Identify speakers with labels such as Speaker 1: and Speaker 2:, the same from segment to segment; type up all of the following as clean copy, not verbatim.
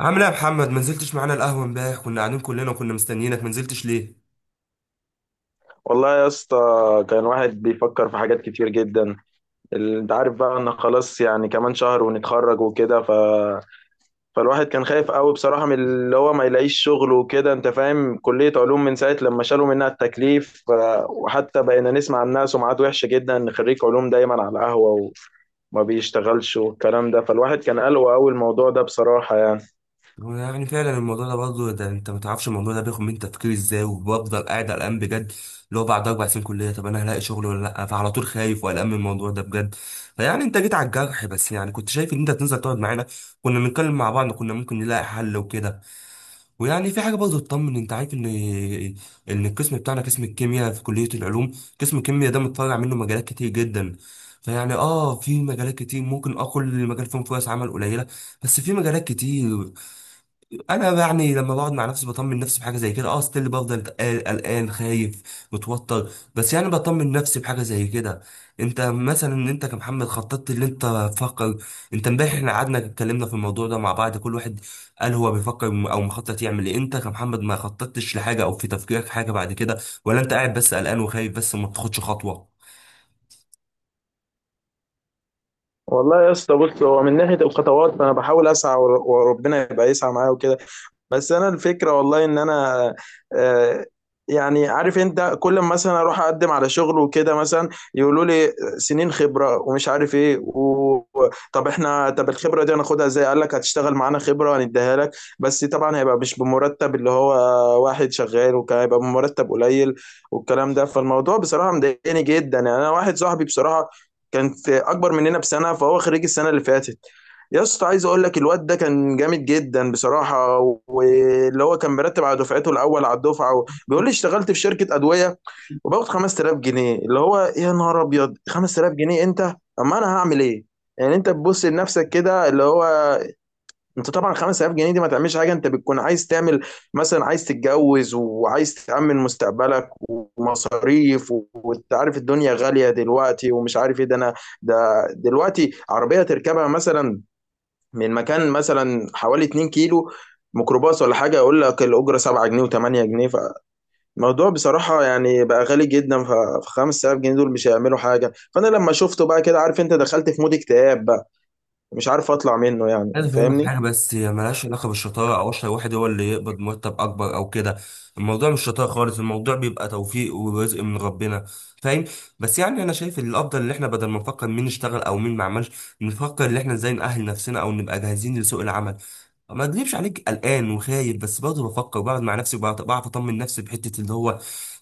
Speaker 1: عامل ايه يا محمد؟ ما نزلتش معانا القهوه امبارح، كنا قاعدين كلنا وكنا مستنيينك، ما نزلتش ليه؟
Speaker 2: والله يا اسطى كان واحد بيفكر في حاجات كتير جدا. انت عارف بقى ان خلاص، يعني كمان شهر ونتخرج وكده فالواحد كان خايف قوي بصراحة من اللي هو ما يلاقيش شغل وكده، انت فاهم، كلية علوم من ساعة لما شالوا منها التكليف. وحتى بقينا نسمع عن ناس سمعات وحشة جدا ان خريج علوم دايما على القهوة وما بيشتغلش والكلام ده. فالواحد كان قلقه قوي الموضوع ده بصراحة يعني.
Speaker 1: هو يعني فعلا الموضوع ده برضه، ده انت ما تعرفش الموضوع ده بياخد من تفكيري ازاي، وبفضل قاعد قلقان بجد. اللي هو بعد 4 سنين كليه طب انا هلاقي شغل ولا لا؟ فعلى طول خايف وقلقان من الموضوع ده بجد. فيعني انت جيت على الجرح، بس يعني كنت شايف ان انت تنزل تقعد معانا، كنا بنتكلم مع بعض، كنا ممكن نلاقي حل وكده. ويعني في حاجه برضه تطمن، انت عارف ان ان القسم بتاعنا، قسم الكيمياء في كليه العلوم، قسم الكيمياء ده متطلع منه مجالات كتير جدا. فيعني في مجالات كتير ممكن اقول المجال فيهم فرص عمل قليله، بس في مجالات كتير. انا يعني لما بقعد مع نفسي بطمن نفسي بحاجه زي كده، ستيل بفضل قلقان قلقان، خايف متوتر، بس يعني بطمن نفسي بحاجه زي كده. انت مثلا ان انت كمحمد خططت اللي انت تفكر، انت امبارح احنا قعدنا اتكلمنا في الموضوع ده مع بعض، كل واحد قال هو بيفكر او مخطط يعمل ايه. انت كمحمد ما خططتش لحاجه، او في تفكيرك حاجه بعد كده، ولا انت قاعد بس قلقان وخايف بس ما بتاخدش خطوه؟
Speaker 2: والله يا اسطى بص، هو من ناحية الخطوات فانا بحاول اسعى، وربنا يبقى يسعى معايا وكده. بس انا الفكره والله ان انا آه، يعني عارف انت، كل ما مثلا اروح اقدم على شغل وكده مثلا يقولوا لي سنين خبره ومش عارف ايه طب احنا الخبره دي هناخدها ازاي؟ قال لك هتشتغل معانا خبره هنديها لك، بس طبعا هيبقى مش بمرتب اللي هو واحد شغال، وكان هيبقى بمرتب قليل والكلام ده. فالموضوع بصراحه مضايقني جدا يعني. انا واحد صاحبي بصراحه كانت اكبر مننا بسنه، فهو خريج السنه اللي فاتت، يا اسطى عايز اقول لك الواد ده كان جامد جدا بصراحه، واللي هو كان مرتب على دفعته، الاول على الدفعه، بيقول لي اشتغلت في شركه ادويه وباخد 5000 جنيه. اللي هو يا نهار ابيض، 5000 جنيه، انت؟ اما انا هعمل ايه؟ يعني انت تبص لنفسك كده، اللي هو انت طبعا 5000 جنيه دي ما تعملش حاجه، انت بتكون عايز تعمل، مثلا عايز تتجوز وعايز تأمن مستقبلك ومصاريف، وانت عارف الدنيا غاليه دلوقتي، ومش عارف ايه ده. انا ده دلوقتي عربيه تركبها مثلا من مكان مثلا حوالي 2 كيلو، ميكروباص ولا حاجة، يقول لك الأجرة 7 جنيه و8 جنيه. فالموضوع بصراحة يعني بقى غالي جدا، ف 5000 جنيه دول مش هيعملوا حاجة. فأنا لما شفته بقى كده، عارف أنت، دخلت في مود اكتئاب بقى، مش عارف أطلع منه يعني،
Speaker 1: عايز افهمك
Speaker 2: فاهمني؟
Speaker 1: حاجه، بس هي ملهاش علاقه بالشطاره او اشهر واحد هو اللي يقبض مرتب اكبر او كده. الموضوع مش شطاره خالص، الموضوع بيبقى توفيق ورزق من ربنا. فاهم؟ بس يعني انا شايف ان الافضل ان احنا بدل ما نفكر مين اشتغل او مين ما عملش، نفكر ان احنا ازاي نأهل نفسنا او نبقى جاهزين لسوق العمل. ما اكذبش عليك قلقان وخايف، بس برضه بفكر بقعد مع نفسي، بعرف اطمن نفسي بحته. اللي هو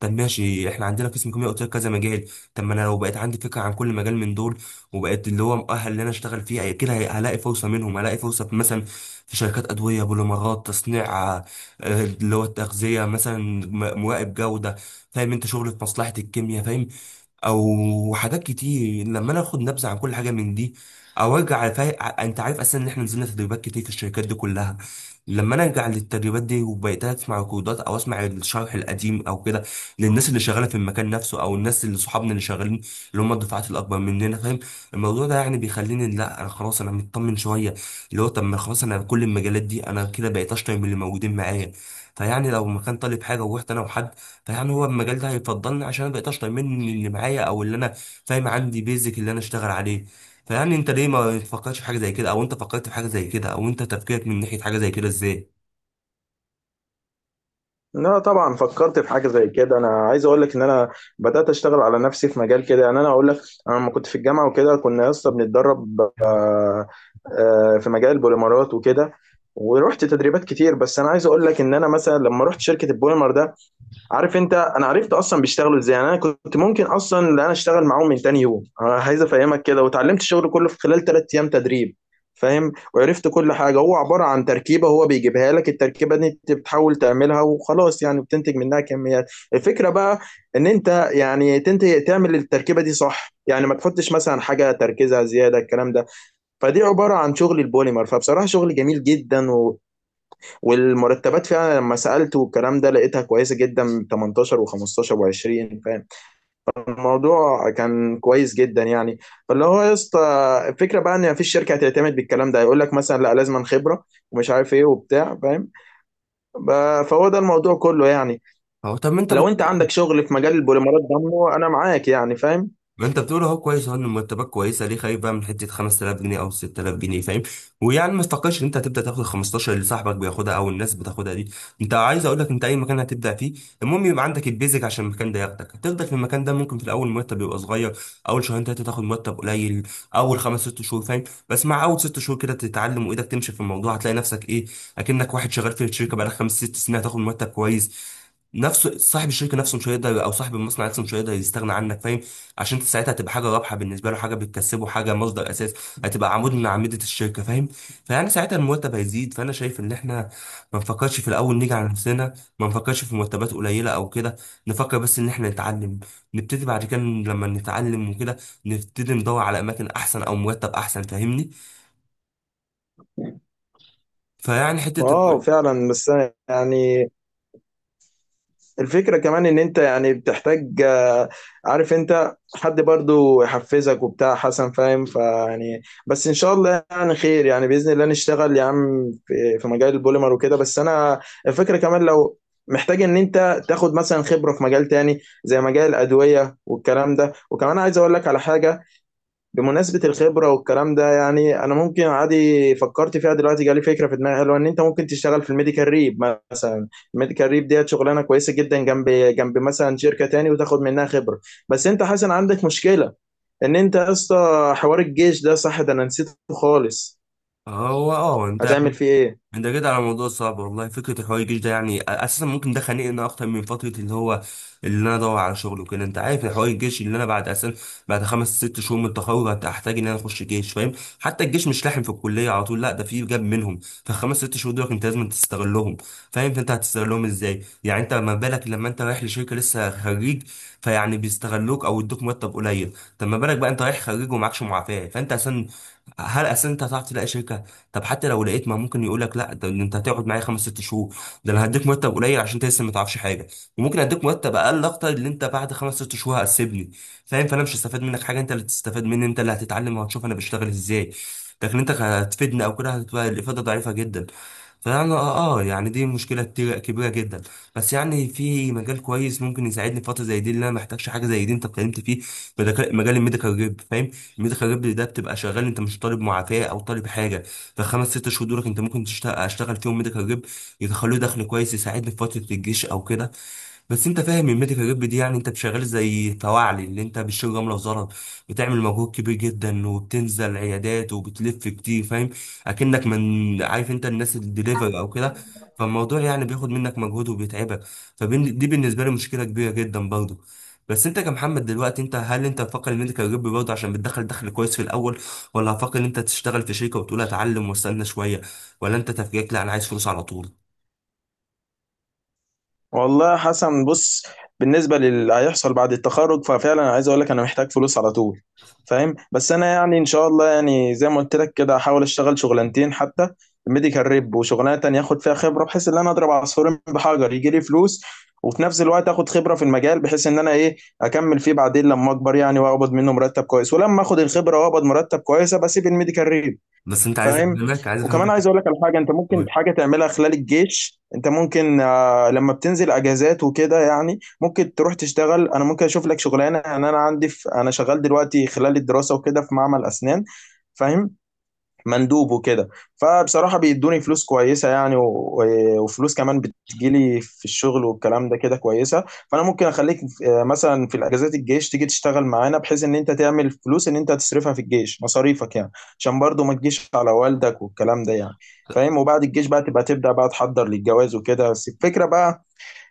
Speaker 1: طب ماشي، احنا عندنا قسم كيمياء، قلت لك كذا مجال. طب ما انا لو بقيت عندي فكره عن كل مجال من دول، وبقيت اللي هو مؤهل ان انا اشتغل فيه، كده هلاقي فرصه منهم، هلاقي فرصه مثلا في شركات ادويه، بوليمرات، تصنيع، اللي هو التغذيه مثلا، مراقب جوده. فاهم؟ انت شغل في مصلحه الكيمياء، فاهم؟ او حاجات كتير. لما انا اخد نبذه عن كل حاجه من دي، او ارجع انت عارف اصلا ان احنا نزلنا تدريبات كتير في الشركات دي كلها. لما انا ارجع للتدريبات دي، وبقيت اسمع ريكوردات او اسمع الشرح القديم او كده، للناس اللي شغاله في المكان نفسه، او الناس اللي صحابنا اللي شغالين، اللي هم الدفعات الاكبر مننا، فاهم؟ الموضوع ده يعني بيخليني، لا انا خلاص انا مطمن شويه. اللي هو طب ما خلاص، انا كل المجالات دي انا كده بقيت اشطر من اللي موجودين معايا. فيعني لو ما كان طالب حاجه، ورحت انا وحد، فيعني هو المجال ده هيفضلني، عشان انا بقيت اشطر مني اللي معايا، او اللي انا فاهم عندي بيزك اللي انا اشتغل عليه. فيعني انت ليه ما تفكرش في حاجه زي كده؟ او انت فكرت في حاجه زي كده، او انت تفكيرك من ناحيه حاجه زي كده ازاي؟
Speaker 2: لا طبعا فكرت في حاجه زي كده. انا عايز اقول لك ان انا بدات اشتغل على نفسي في مجال كده، يعني انا اقول لك، انا لما كنت في الجامعه وكده كنا يا اسطى بنتدرب في مجال البوليمرات وكده، ورحت تدريبات كتير. بس انا عايز اقول لك ان انا مثلا لما رحت شركه البوليمر ده، عارف انت، انا عرفت اصلا بيشتغلوا ازاي، يعني انا كنت ممكن اصلا ان انا اشتغل معاهم من تاني يوم. انا عايز افهمك كده، وتعلمت الشغل كله في خلال 3 ايام تدريب، فاهم. وعرفت كل حاجه، هو عباره عن تركيبه هو بيجيبها لك، التركيبه دي انت بتحاول تعملها وخلاص يعني، بتنتج منها كميات. الفكره بقى ان انت يعني تنتج تعمل التركيبه دي صح، يعني ما تحطش مثلا حاجه تركيزها زياده، الكلام ده. فدي عباره عن شغل البوليمر، فبصراحه شغل جميل جدا، والمرتبات فعلا لما سألت والكلام ده لقيتها كويسة جدا، 18 و15 و20، فاهم. الموضوع كان كويس جدا يعني. فاللي هو يا اسطى الفكرة بقى ان مفيش شركة هتعتمد بالكلام ده، هيقول لك مثلا لا، لازم خبرة ومش عارف ايه وبتاع، فاهم. فهو ده الموضوع كله يعني.
Speaker 1: أو طب ما انت
Speaker 2: لو انت عندك شغل في مجال البوليمرات ده انا معاك يعني، فاهم.
Speaker 1: ما انت بتقول اهو كويس، اهو ان مرتبات كويسه، ليه خايف بقى من حته 5000 جنيه او 6000 جنيه؟ فاهم؟ ويعني ما تفكرش ان انت هتبدا تاخد ال 15 اللي صاحبك بياخدها او الناس بتاخدها دي. انت عايز اقول لك، انت اي مكان هتبدا فيه، المهم يبقى عندك البيزك عشان المكان ده ياخدك. هتفضل في المكان ده، ممكن في الاول مرتب يبقى صغير، اول شهرين ثلاثه تاخد مرتب قليل، اول خمس ست شهور، فاهم؟ بس مع اول ست شهور كده تتعلم وايدك تمشي في الموضوع، هتلاقي نفسك ايه، اكنك واحد شغال في الشركه بقالك خمس ست سنين، هتاخد مرتب كويس. نفسه صاحب الشركه نفسه مش هيقدر، او صاحب المصنع نفسه مش هيقدر يستغنى عنك، فاهم؟ عشان انت ساعتها هتبقى حاجه رابحه بالنسبه له، حاجه بتكسبه، حاجه مصدر اساس، هتبقى عمود من اعمده الشركه، فاهم؟ فيعني ساعتها المرتب هيزيد. فانا شايف ان احنا ما نفكرش في الاول نيجي على نفسنا، ما نفكرش في مرتبات قليله او كده، نفكر بس ان احنا نتعلم، نبتدي بعد كده لما نتعلم وكده، نبتدي ندور على اماكن احسن او مرتب احسن، فاهمني؟ فيعني حته
Speaker 2: اه فعلا، بس يعني الفكرة كمان ان انت يعني بتحتاج عارف انت، حد برضو يحفزك وبتاع، حسن فاهم. فيعني بس ان شاء الله يعني خير، يعني بإذن الله نشتغل يا عم في مجال البوليمر وكده. بس انا الفكرة كمان، لو محتاج ان انت تاخد مثلا خبرة في مجال تاني زي مجال الأدوية والكلام ده، وكمان عايز اقول لك على حاجة، بمناسبة الخبرة والكلام ده يعني أنا ممكن عادي فكرت فيها دلوقتي، جالي فكرة في دماغي حلوة، إن أنت ممكن تشتغل في الميديكال ريب مثلا. الميديكال ريب ديت شغلانة كويسة جدا، جنب جنب مثلا شركة تاني وتاخد منها خبرة. بس أنت حسن عندك مشكلة، إن أنت يا اسطى حوار الجيش ده، صح، ده أنا نسيته خالص.
Speaker 1: هو انت
Speaker 2: هتعمل فيه إيه؟
Speaker 1: انت كده على موضوع صعب والله. فكره الحوار الجيش ده يعني اساسا ممكن ده خانقني اكتر من فتره، اللي هو اللي انا ادور على شغل وكده. انت عارف الحوار الجيش، اللي انا بعد اساسا بعد خمس ست شهور من التخرج هحتاج ان انا اخش جيش، فاهم؟ حتى الجيش مش لاحم في الكليه على طول، لا ده في جاب منهم. فالخمس ست شهور دول انت لازم تستغلهم، فاهم؟ فانت هتستغلهم ازاي؟ يعني انت ما بالك لما انت رايح لشركه لسه خريج، فيعني بيستغلوك او يدوك مرتب قليل. طب ما بالك بقى انت رايح خريج ومعكش معافاه؟ فانت اساسا هل اساسا انت هتعرف تلاقي شركه؟ طب حتى لو لقيت، ما ممكن يقول لك لا ده انت هتقعد معايا خمس ست شهور، ده انا هديك مرتب قليل عشان انت لسه ما تعرفش حاجه، وممكن اديك مرتب اقل اكتر، اللي انت بعد خمس ست شهور هتسيبني، فاهم؟ فانا مش هستفاد منك حاجه، انت اللي تستفاد مني، انت اللي هتتعلم وهتشوف انا بشتغل ازاي، لكن انت هتفيدني او كده هتبقى الافاده ضعيفه جدا. فانا يعني دي مشكله كبيره جدا. بس يعني في مجال كويس ممكن يساعدني في فتره زي دي، اللي انا محتاجش حاجه زي دي، انت اتكلمت فيه، مجال الميديكال ريب، فاهم؟ الميديكال ريب ده بتبقى شغال، انت مش طالب معافاه او طالب حاجه. فالخمس ست شهور دولك انت ممكن تشتغل، اشتغل فيهم ميديكال ريب، يدخلوا لي دخل كويس يساعدني في فتره الجيش او كده. بس انت فاهم ان الميديكال جيب دي، يعني انت شغال زي فواعلي، اللي انت بتشيل جمله وزلط، بتعمل مجهود كبير جدا، وبتنزل عيادات وبتلف كتير، فاهم؟ اكنك من عارف انت الناس الدليفري او كده. فالموضوع يعني بياخد منك مجهود وبيتعبك، فدي بالنسبه لي مشكله كبيره جدا برضه. بس انت كمحمد دلوقتي انت، هل انت هتفكر الميديكال جيب برضه عشان بتدخل دخل كويس في الاول؟ ولا هتفكر ان انت تشتغل في شركه وتقول اتعلم واستنى شويه؟ ولا انت تفكيرك لا انا عايز فلوس على طول؟
Speaker 2: والله يا حسن بص، بالنسبه للي هيحصل بعد التخرج ففعلا عايز اقول لك انا محتاج فلوس على طول، فاهم. بس انا يعني ان شاء الله، يعني زي ما قلت لك كده، هحاول اشتغل شغلانتين حتى، ميديكال ريب وشغلانه تانية اخد فيها خبره، بحيث ان انا اضرب عصفورين بحجر، يجي لي فلوس وفي نفس الوقت اخد خبره في المجال، بحيث ان انا ايه، اكمل فيه بعدين لما اكبر يعني، واقبض منه مرتب كويس، ولما اخد الخبره واقبض مرتب كويس ابقى اسيب الميديكال ريب،
Speaker 1: بس انت عايز
Speaker 2: فاهم.
Speaker 1: افهمك، عايز
Speaker 2: وكمان
Speaker 1: افهمك.
Speaker 2: عايز اقول لك على حاجه، انت ممكن حاجه تعملها خلال الجيش. انت ممكن لما بتنزل اجازات وكده يعني، ممكن تروح تشتغل، انا ممكن اشوف لك شغلانه، يعني انا عندي، في انا شغال دلوقتي خلال الدراسه وكده في معمل اسنان، فاهم، مندوب وكده. فبصراحة بيدوني فلوس كويسة يعني، وفلوس كمان بتجيلي في الشغل والكلام ده كده كويسة. فأنا ممكن أخليك مثلا في الأجازات الجيش تيجي تشتغل معانا، بحيث إن أنت تعمل فلوس، إن أنت تصرفها في الجيش مصاريفك يعني، عشان برضو ما تجيش على والدك والكلام ده يعني، فاهم. وبعد الجيش بقى تبقى تبدأ بقى تحضر للجواز وكده. بس الفكرة بقى،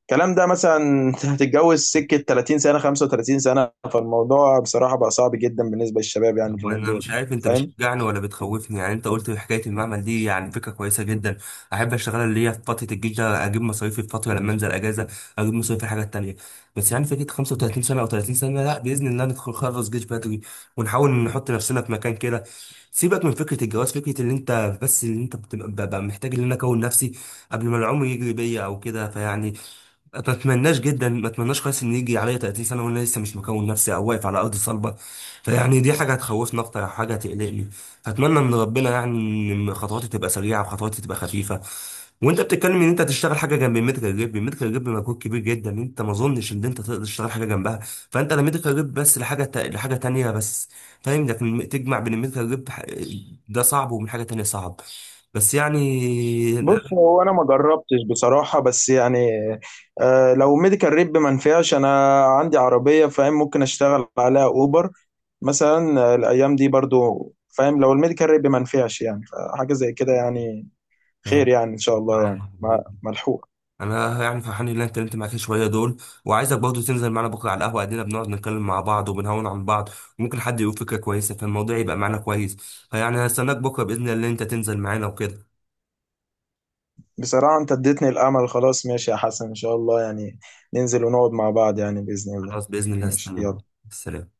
Speaker 2: الكلام ده مثلا أنت هتتجوز سكة 30 سنة، 35 سنة. فالموضوع بصراحة بقى صعب جدا بالنسبة للشباب يعني، اليومين
Speaker 1: وانا
Speaker 2: دول،
Speaker 1: مش عارف انت
Speaker 2: فاهم.
Speaker 1: بتشجعني ولا بتخوفني يعني. انت قلت حكايه المعمل دي، يعني فكره كويسه جدا، احب اشتغلها، اللي هي في فتره الجيش ده اجيب مصاريفي، في فتره لما انزل اجازه اجيب مصاريفي في الحاجات التانيه. بس يعني فكره 35 سنه او 30 سنه، لا باذن الله ندخل خلص جيش بدري، ونحاول نحط نفسنا في مكان كده. سيبك من فكره الجواز، فكره اللي انت بس اللي انت بتبقى ببقى محتاج ان انا اكون نفسي قبل ما العمر يجري بيا او كده. فيعني ما اتمناش جدا، ما اتمناش خالص ان يجي عليا 30 سنه وانا لسه مش مكون نفسي او واقف على ارض صلبه. فيعني دي حاجه هتخوفني، اكتر حاجه هتقلقني. فاتمنى ان ربنا يعني، ان خطواتي تبقى سريعه، وخطواتي تبقى خفيفه. وانت بتتكلم ان انت تشتغل حاجه جنب الميديكال جيب، الميديكال جيب مجهود كبير جدا، انت ما اظنش ان انت تقدر تشتغل حاجه جنبها. فانت لا ميديكال جيب بس، لحاجه تانية بس، فاهم؟ لكن تجمع بين الميديكال جيب ده صعب، ومن حاجه تانية صعب، بس.
Speaker 2: بص، هو انا ما جربتش بصراحه، بس يعني آه، لو ميديكال ريب ما نفعش، انا عندي عربيه، فاهم، ممكن اشتغل عليها اوبر مثلا الايام دي برضو، فاهم. لو الميديكال ريب ما نفعش يعني، حاجه زي كده يعني، خير
Speaker 1: يعني
Speaker 2: يعني ان شاء الله يعني، ملحوق.
Speaker 1: انا يعني فرحان ان انا اتكلمت معاك شويه دول، وعايزك برضه تنزل معانا بكره على القهوه، قاعدين بنقعد نتكلم مع بعض وبنهون عن بعض، وممكن حد يقول فكره كويسه، فالموضوع يبقى معانا كويس. فيعني هستناك بكره باذن الله ان انت تنزل معانا وكده.
Speaker 2: بصراحه انت اديتني الامل، خلاص ماشي يا حسن، ان شاء الله يعني ننزل ونقعد مع بعض يعني، باذن الله.
Speaker 1: خلاص باذن الله
Speaker 2: ماشي،
Speaker 1: هستناك.
Speaker 2: يلا.
Speaker 1: سلام.